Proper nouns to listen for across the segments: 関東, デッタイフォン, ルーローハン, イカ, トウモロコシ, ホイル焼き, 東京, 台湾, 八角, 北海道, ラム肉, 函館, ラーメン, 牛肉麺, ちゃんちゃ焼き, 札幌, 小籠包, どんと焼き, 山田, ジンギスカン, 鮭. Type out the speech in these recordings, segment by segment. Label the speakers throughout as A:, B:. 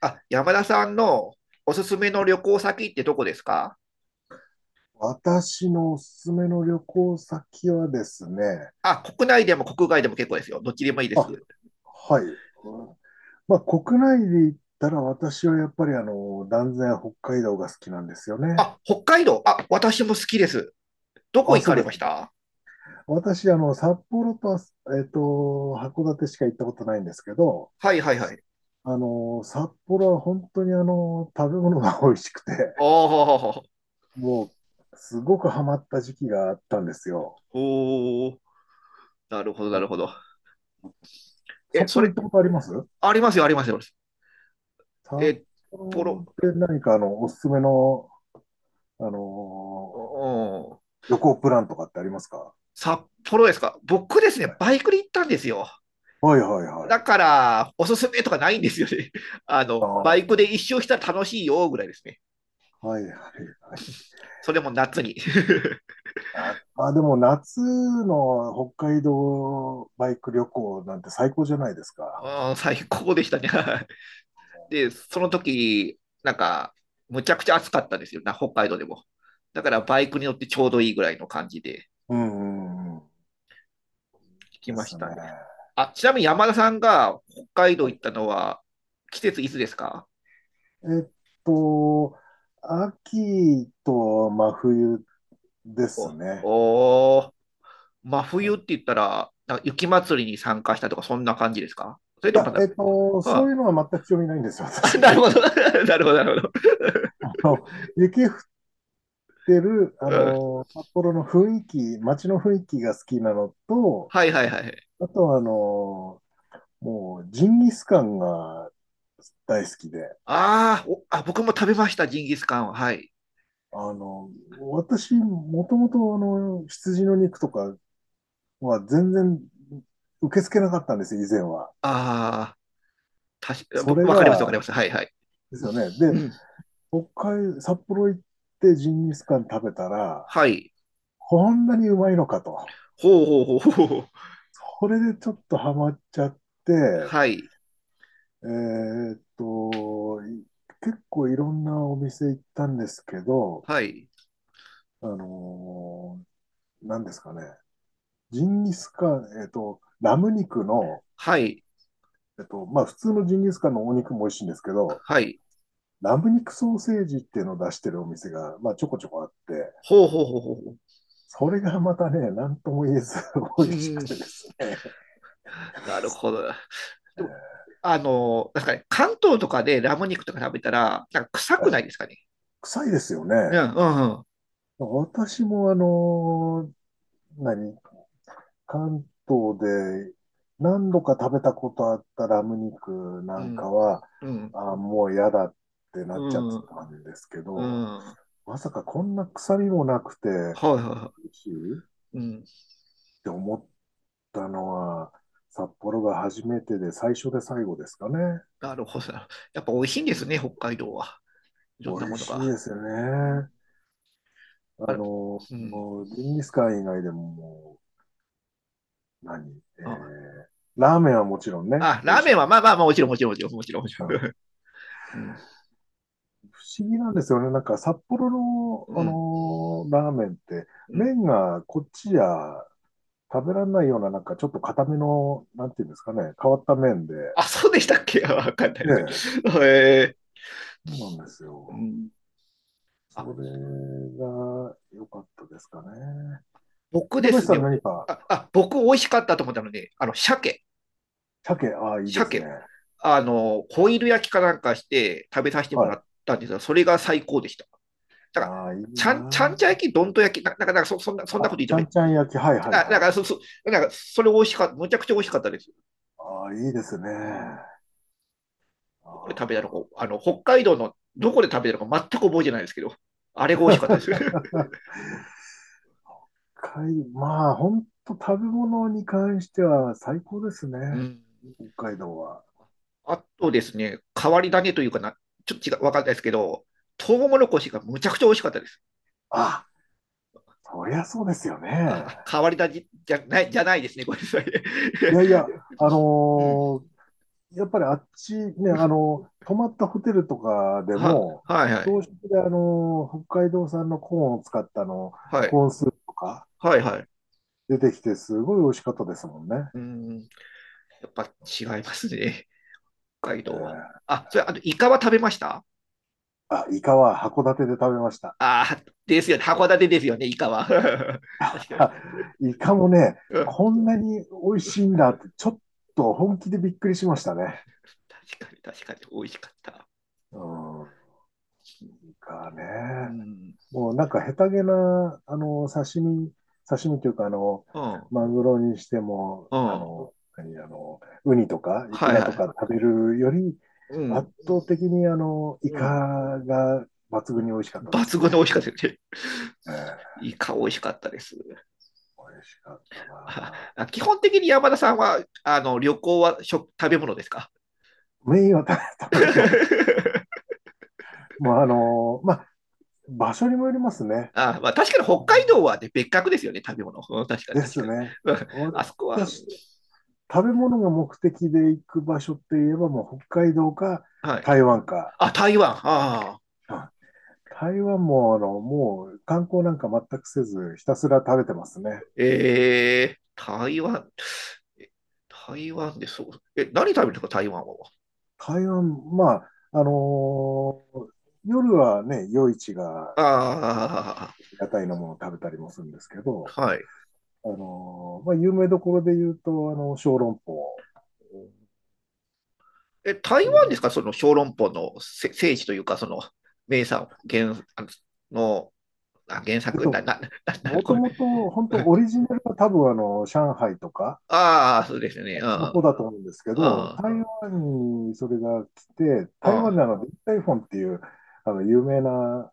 A: あ、山田さんのおすすめの旅行先ってどこですか？
B: 私のおすすめの旅行先はですね、
A: あ、国内でも国外でも結構ですよ。どっちでもいいです。
B: あ、はい。うん。まあ、国内で言ったら私はやっぱり断然北海道が好きなんですよね。
A: あ、北海道。あ、私も好きです。どこ
B: あ、
A: 行
B: そ
A: か
B: う
A: れ
B: で
A: ま
B: す
A: し
B: ね。
A: た？
B: 私、札幌とえっと、函館しか行ったことないんですけど、
A: はいはいはい。
B: 札幌は本当に食べ物が美味しくて、
A: おー、
B: もう、すごくハマった時期があったんですよ。
A: おー、なるほど、な
B: あ
A: るほ
B: の
A: ど。え、
B: 札
A: そ
B: 幌行
A: れ、
B: ったことあります？
A: ありますよ、ありますよ。
B: 札
A: え、ポロ、
B: 幌で何かおすすめの、あ
A: う
B: のー
A: ん、
B: 旅行プランとかってありますか？
A: 札幌ですか？僕です
B: は
A: ね、
B: い、
A: バイクで行ったんですよ。
B: はい、はいは
A: だ
B: い。
A: から、おすすめとかないんですよね。あ
B: あ
A: の、バイク
B: ー、
A: で一周したら楽しいよ、ぐらいですね。
B: はい、はい、はい。
A: それも夏に
B: あ、あ、でも夏の北海道バイク旅行なんて最高じゃないですか。
A: うん、最高でしたね で、その時、なんか、むちゃくちゃ暑かったんですよな、北海道でも。だからバイクに乗ってちょうどいいぐらいの感じで
B: うん、うん、うん、
A: 聞き
B: で
A: まし
B: す
A: た
B: ね。
A: ね。あ、ちなみに山田さんが北海道
B: は
A: 行
B: い、
A: ったのは、季節いつですか？
B: えっと、秋と真冬です
A: お
B: ね。
A: おー、真冬って言ったら、なんか雪祭りに参加したとか、そんな感じですか？それ
B: い
A: ともま
B: や、
A: だ、
B: そうい
A: は
B: うのは全く興味ないんですよ、
A: あ、あ、
B: 私。
A: なるほ ど なるほど、なるほど。
B: あの、雪降ってる、
A: うん、
B: 札幌の雰囲気、街の雰囲気が好きなのと、
A: はいはいはい。
B: あとはもうジンギスカンが大好きで、
A: あーおあ、僕も食べました、ジンギスカンは。はい。
B: あの、私、もともと羊の肉とかは全然受け付けなかったんですよ、以前は。
A: ああ、たし、
B: そ
A: ぼ
B: れ
A: わかります、わかり
B: が、
A: ます。はい、はい。
B: ですよね。で、
A: うん。
B: 北海、札幌行ってジンギスカン食べたら、
A: はい。
B: こんなにうまいのかと。
A: ほうほうほうほうほう。
B: これでちょっとハマっちゃって、
A: はい。
B: えーっと、い結構いろんなお店行ったんですけど、
A: はい。
B: あの何ですかね、ジンギスカン、ラム肉の、
A: はい。
B: まあ普通のジンギスカンのお肉も美味しいんですけど、
A: はい。
B: ラム肉ソーセージっていうのを出してるお店が、まあちょこちょこあって、
A: ほうほうほうほうほう。
B: それがまたね、何とも言えず 美
A: う
B: 味しく
A: ん。
B: てですね。
A: なるほど。でも、あの、なんですかね、関東とかでラム肉とか食べたら、なんか臭
B: は
A: くな
B: い。
A: いですかね。
B: 臭いですよね。
A: うん、うん、
B: 私も何関東で何度か食べたことあったラム肉
A: う
B: なんか
A: ん、
B: は、
A: うん、
B: あ、もう嫌だってな
A: う
B: っちゃって
A: ん、
B: たんですけ
A: う
B: ど、
A: ん。は
B: まさかこんな臭みもなくて、
A: いはいは
B: 美味しいっ
A: い。うん。
B: て思ったのは、札幌が初めてで最初で最後ですかね。
A: なるほど。やっぱ美味しいんで
B: う
A: す
B: ん、
A: ね、北海道は。い
B: 美
A: ろんな
B: 味
A: もの
B: しいで
A: が。
B: すよ
A: うん、
B: ね。
A: あ
B: あ
A: れ、
B: の、
A: うん。
B: もうジンギスカン以外でももう、何え
A: あ、
B: ーラーメンはもちろんね、
A: あ、
B: 美
A: ラ
B: 味
A: ー
B: し
A: メ
B: い。
A: ンは、まあまあまあ、もちろん、もちろん、もちろん、もちろん。
B: うん、
A: うん。
B: 不思議なんですよね。なんか札幌の、
A: うん。
B: ラーメンって、
A: うん。
B: 麺がこっちじゃ食べられないような、なんかちょっと硬めの、なんていうんですかね、変わった麺で。
A: あ、そうでしたっけ わかんない。
B: ええ、
A: え
B: そうなんです
A: ー、う
B: よ。
A: ん。あ、
B: それが良かったですかね。
A: 僕
B: 平
A: で
B: 林
A: す
B: さ
A: ね。
B: ん何か、
A: あ、あ、僕、美味しかったと思ったので、あの、鮭、
B: 鮭、ああ、いいです
A: 鮭を、
B: ね。
A: あの、ホイル焼きかなんかして食べさせても
B: は
A: ら
B: い。
A: ったんですが、それが最高でした。だから、
B: ああ、いい
A: ちゃん、ちゃん
B: な。
A: ちゃ焼き、どんと焼き、な、なんか、なんかそ、そんな、そんな
B: あ、
A: こと言っ
B: ち
A: ても
B: ゃ
A: いい。
B: んちゃん焼き、はいはい
A: あ、なん
B: はい。
A: か、そ、そ、なんか、それ美味しかった、むちゃくちゃ美味しかったです。
B: ああ、いいですね。
A: うん、
B: ああ。
A: どこで食べたのか、あの、北海道のどこで食べたのか全く覚えてないですけど、あれが美味しかったです。
B: 海、まあ、本当食べ物に関しては最高です
A: う
B: ね。
A: ん。
B: 北海道は。
A: あとですね、変わり種というかな、ちょっと違う、わかんないですけど、トウモロコシがむちゃくちゃ美味しかったです。
B: あ、そりゃそうですよね。
A: あ、変わり種じゃない、じゃないですね、ごめんなさい。
B: いやいや、あ
A: うん。
B: のーやっぱりあっちね、泊まったホテルとかで
A: は、
B: も、
A: はいはい。
B: 朝食で北海道産のコーンを使った
A: はい。
B: コーンスープとか
A: はいはい。
B: 出てきて、すごい美味しかったですもんね。
A: うーん。やっぱ違いますね、北海
B: え
A: 道は。
B: ー、
A: あ、それ、あと、イカは食べました？
B: あ、イカは函館で食べました。
A: ああー、ですよね。函館ですよね、イカは。確 かに。
B: あ、イカもね、
A: うん、
B: こんなに美味しいんだって、ちょっと本気でびっくりしましたね。
A: 確かに、確かに、美味しかった。
B: うん。イカね。
A: うん、
B: もうなんか下手げな、刺身、刺身というか、
A: うん、
B: マグロにしても、
A: う
B: あ
A: ん、
B: の、何、あの、ウニとかイク
A: はい
B: ラと
A: は
B: か食べるより、
A: い。うん、
B: 圧倒的にイ
A: う
B: カ
A: ん、
B: が抜
A: う
B: 群
A: ん。
B: に美味しかったで
A: 抜
B: すね。
A: 群の美味しかったですね。
B: ええ、
A: イカ美味しかったです。
B: 美味しかった
A: あ
B: な。
A: あ、基本的に山田さんは、あの、旅行は食、食べ物ですか？
B: メインは食べ食べ 物で。もうまあ、場所にもよりますね。
A: あ、まあ、確かに
B: あ
A: 北海道
B: の
A: は、ね、別格ですよね、食べ物。うん、確かに
B: で
A: 確か
B: す
A: に。
B: ね。
A: うん、あそこは、
B: 私、食べ物が目的で行く場所って言えばもう北海道か
A: はい。
B: 台湾か。
A: あ、台湾。ああ。
B: うん、台湾ももう観光なんか全くせずひたすら食べてますね。
A: えー、台湾。え、台湾でそう。え、何食べるんですか、台湾は。
B: 台湾、まあ、夜はね、夜市が
A: あ
B: 屋台のものを食べたりもするんですけ
A: あ、
B: ど、
A: はい。
B: まあ、有名どころで言うと、小籠包。
A: え、台湾ですか、その小籠包のせ聖地というか、その名産原あのあ原
B: えっ
A: 作な、
B: と、
A: な、な、な、
B: も
A: こ
B: と
A: れ。
B: もと、本当 オリジナルは多分上海とか、
A: ああ、そうですね。
B: あ
A: う
B: っちの方
A: ん、
B: だと思うんですけ
A: う
B: ど、
A: ん、
B: 台湾にそれが来て、
A: う
B: 台湾
A: ん。
B: でデッタイフォンっていう、有名な、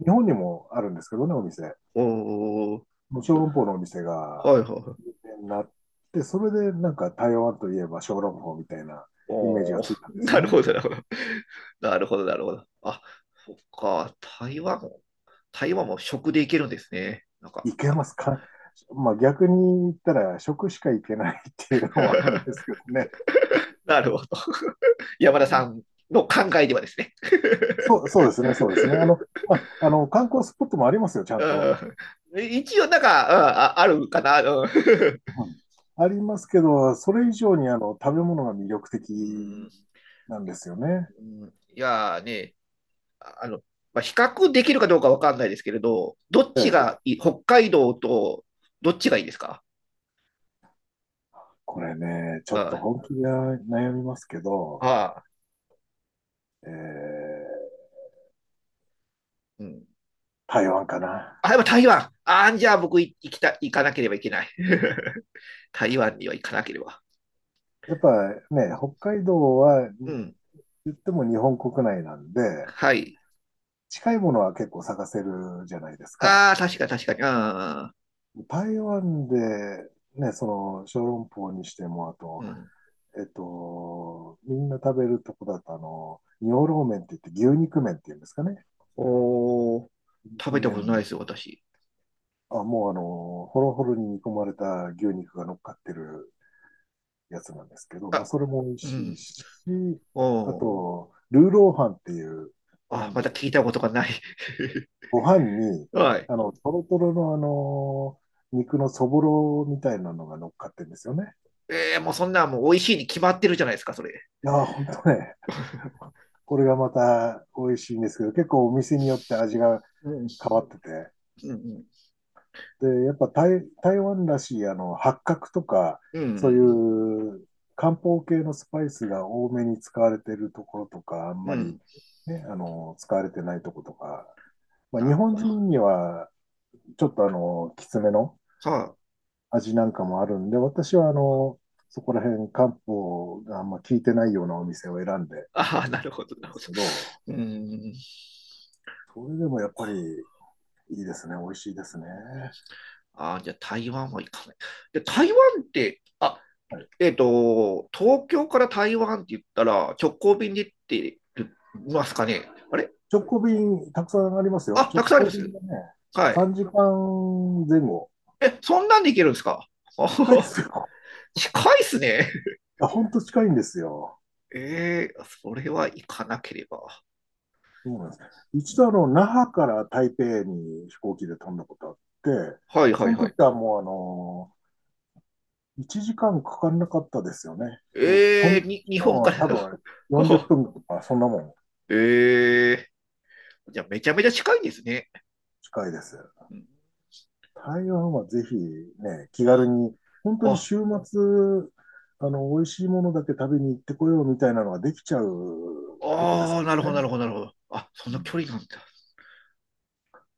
B: 日本にもあるんですけどね、お店。
A: おお、
B: もう小籠包のお店
A: はい
B: が
A: はいはい。
B: 有名になって、それでなんか台湾といえば小籠包みたいなイメージ
A: お
B: が
A: お、
B: ついたんです
A: な
B: よ
A: る
B: ね。
A: ほど、なるほど。なるほど、なるほど。あ、そっか、台湾も、台湾も食でいけるんですね。なんか、
B: いけ
A: あ
B: ますか？まあ逆に言ったら食しかいけないっていうのもあるんですけ どね。
A: なるほど。山田
B: う
A: さ
B: ん、
A: んの考えではですね。
B: そう、そうですね、そうですね。まあ、観光スポットもありますよ、ちゃんと。
A: うん、一応、なんか、うん、あ、あるかな。うん
B: はい、ありますけど、それ 以上に
A: う
B: 食べ
A: ん、
B: 物が魅力的
A: うん、
B: なんですよね。
A: うん、いやね、あの、まあ、比較できるかどうかわかんないですけれど、どっ
B: え
A: ち
B: え、
A: がいい、北海道とどっちがいいですか？
B: これね、ちょ
A: うん、
B: っと
A: あ
B: 本気で悩みますけど、
A: あ、
B: えー
A: うん。
B: 台湾かな。
A: あ、やっぱ台湾。ああ、じゃあ僕い行きた、行かなければいけない。台湾には行かなければ。
B: やっぱね、北海道は
A: う
B: 言
A: ん。
B: っても日本国内なんで、
A: はい。
B: 近いものは結構探せるじゃないですか。
A: ああ、確か確かに。ああ、
B: 台湾で、ね、その小籠包にしても、あ
A: う
B: と、
A: ん。
B: みんな食べるとこだと、尿ローメンって言って牛肉麺っていうんですかね。
A: おー、食べたことない
B: 側
A: ですよ、私。
B: あ、もうホロホロに煮込まれた牛肉が乗っかってるやつなんですけど、まあ、
A: あ、
B: それも美味
A: う
B: しい
A: ん。
B: し、
A: お
B: あ
A: お。
B: と、ルーローハンっていう、な
A: あ、
B: ん
A: ま
B: で、
A: た聞いたことがない。
B: ご飯に、
A: はい。
B: トロトロの肉のそぼろみたいなのが乗っかってるんですよね。
A: ええ、もうそんなもう美味しいに決まってるじゃないですか、それ。
B: いやー、ほんとね、これがまた美味しいんですけど、結構お店によって味が
A: うん、うん、
B: 変わってて、
A: うん、
B: で、やっぱ台、台湾らしい八角とか、
A: う
B: そうい
A: ん、
B: う漢方系のスパイスが多めに使われてるところとか、あん
A: う
B: まり、
A: ん。
B: ね、使われてないところとか、まあ、
A: な
B: 日
A: る
B: 本
A: ほど。は
B: 人にはちょっときつめの
A: あ、
B: 味なんかもあるんで、私はそこら辺漢方があんま効いてないようなお店を選んでる
A: ああ、なるほど、な
B: ん
A: る
B: で
A: ほ
B: す
A: ど。
B: けど、
A: うーん。
B: それでもやっぱりいいですね、美味しいですね。
A: ああ、じゃあ台湾は行かない。で、台湾って、あ、
B: はい、
A: 東京から台湾って言ったら直行便で行ってますかね？あれ、
B: 直行便たくさんあります
A: あ、
B: よ。
A: た
B: 直
A: くさんあり
B: 行
A: ます？
B: 便がね、
A: はい。
B: 3時間前後。
A: え、そんなんで行けるんですか？あは
B: 近いで
A: は
B: すよ
A: 近いっすね。
B: 本当近いんですよ。
A: ええ、それは行かなければ。
B: そうなんです。
A: う
B: 一度
A: ん、
B: 那覇から台北に飛行機で飛んだことあって、
A: はいは
B: そ
A: い
B: の
A: はい。
B: 時はもう1時間かんかかんなかったですよね。飛行機。飛
A: え
B: ん
A: え
B: でる
A: に、
B: 時
A: 日
B: 間
A: 本か
B: は
A: ら
B: 多分あれ40 分とかそんなもん
A: ええー、じゃあめちゃめちゃ近いんですね。
B: 近いです。
A: うん、
B: 台湾はぜひね、気軽に、本当に
A: あ、
B: 週末、美味しいものだけ食べに行ってこようみたいなのができちゃうとこです
A: ああ、
B: か
A: なるほどな
B: ら
A: る
B: ね。
A: ほどなるほど。あ、そ
B: う
A: んな
B: ん
A: 距離なんだ。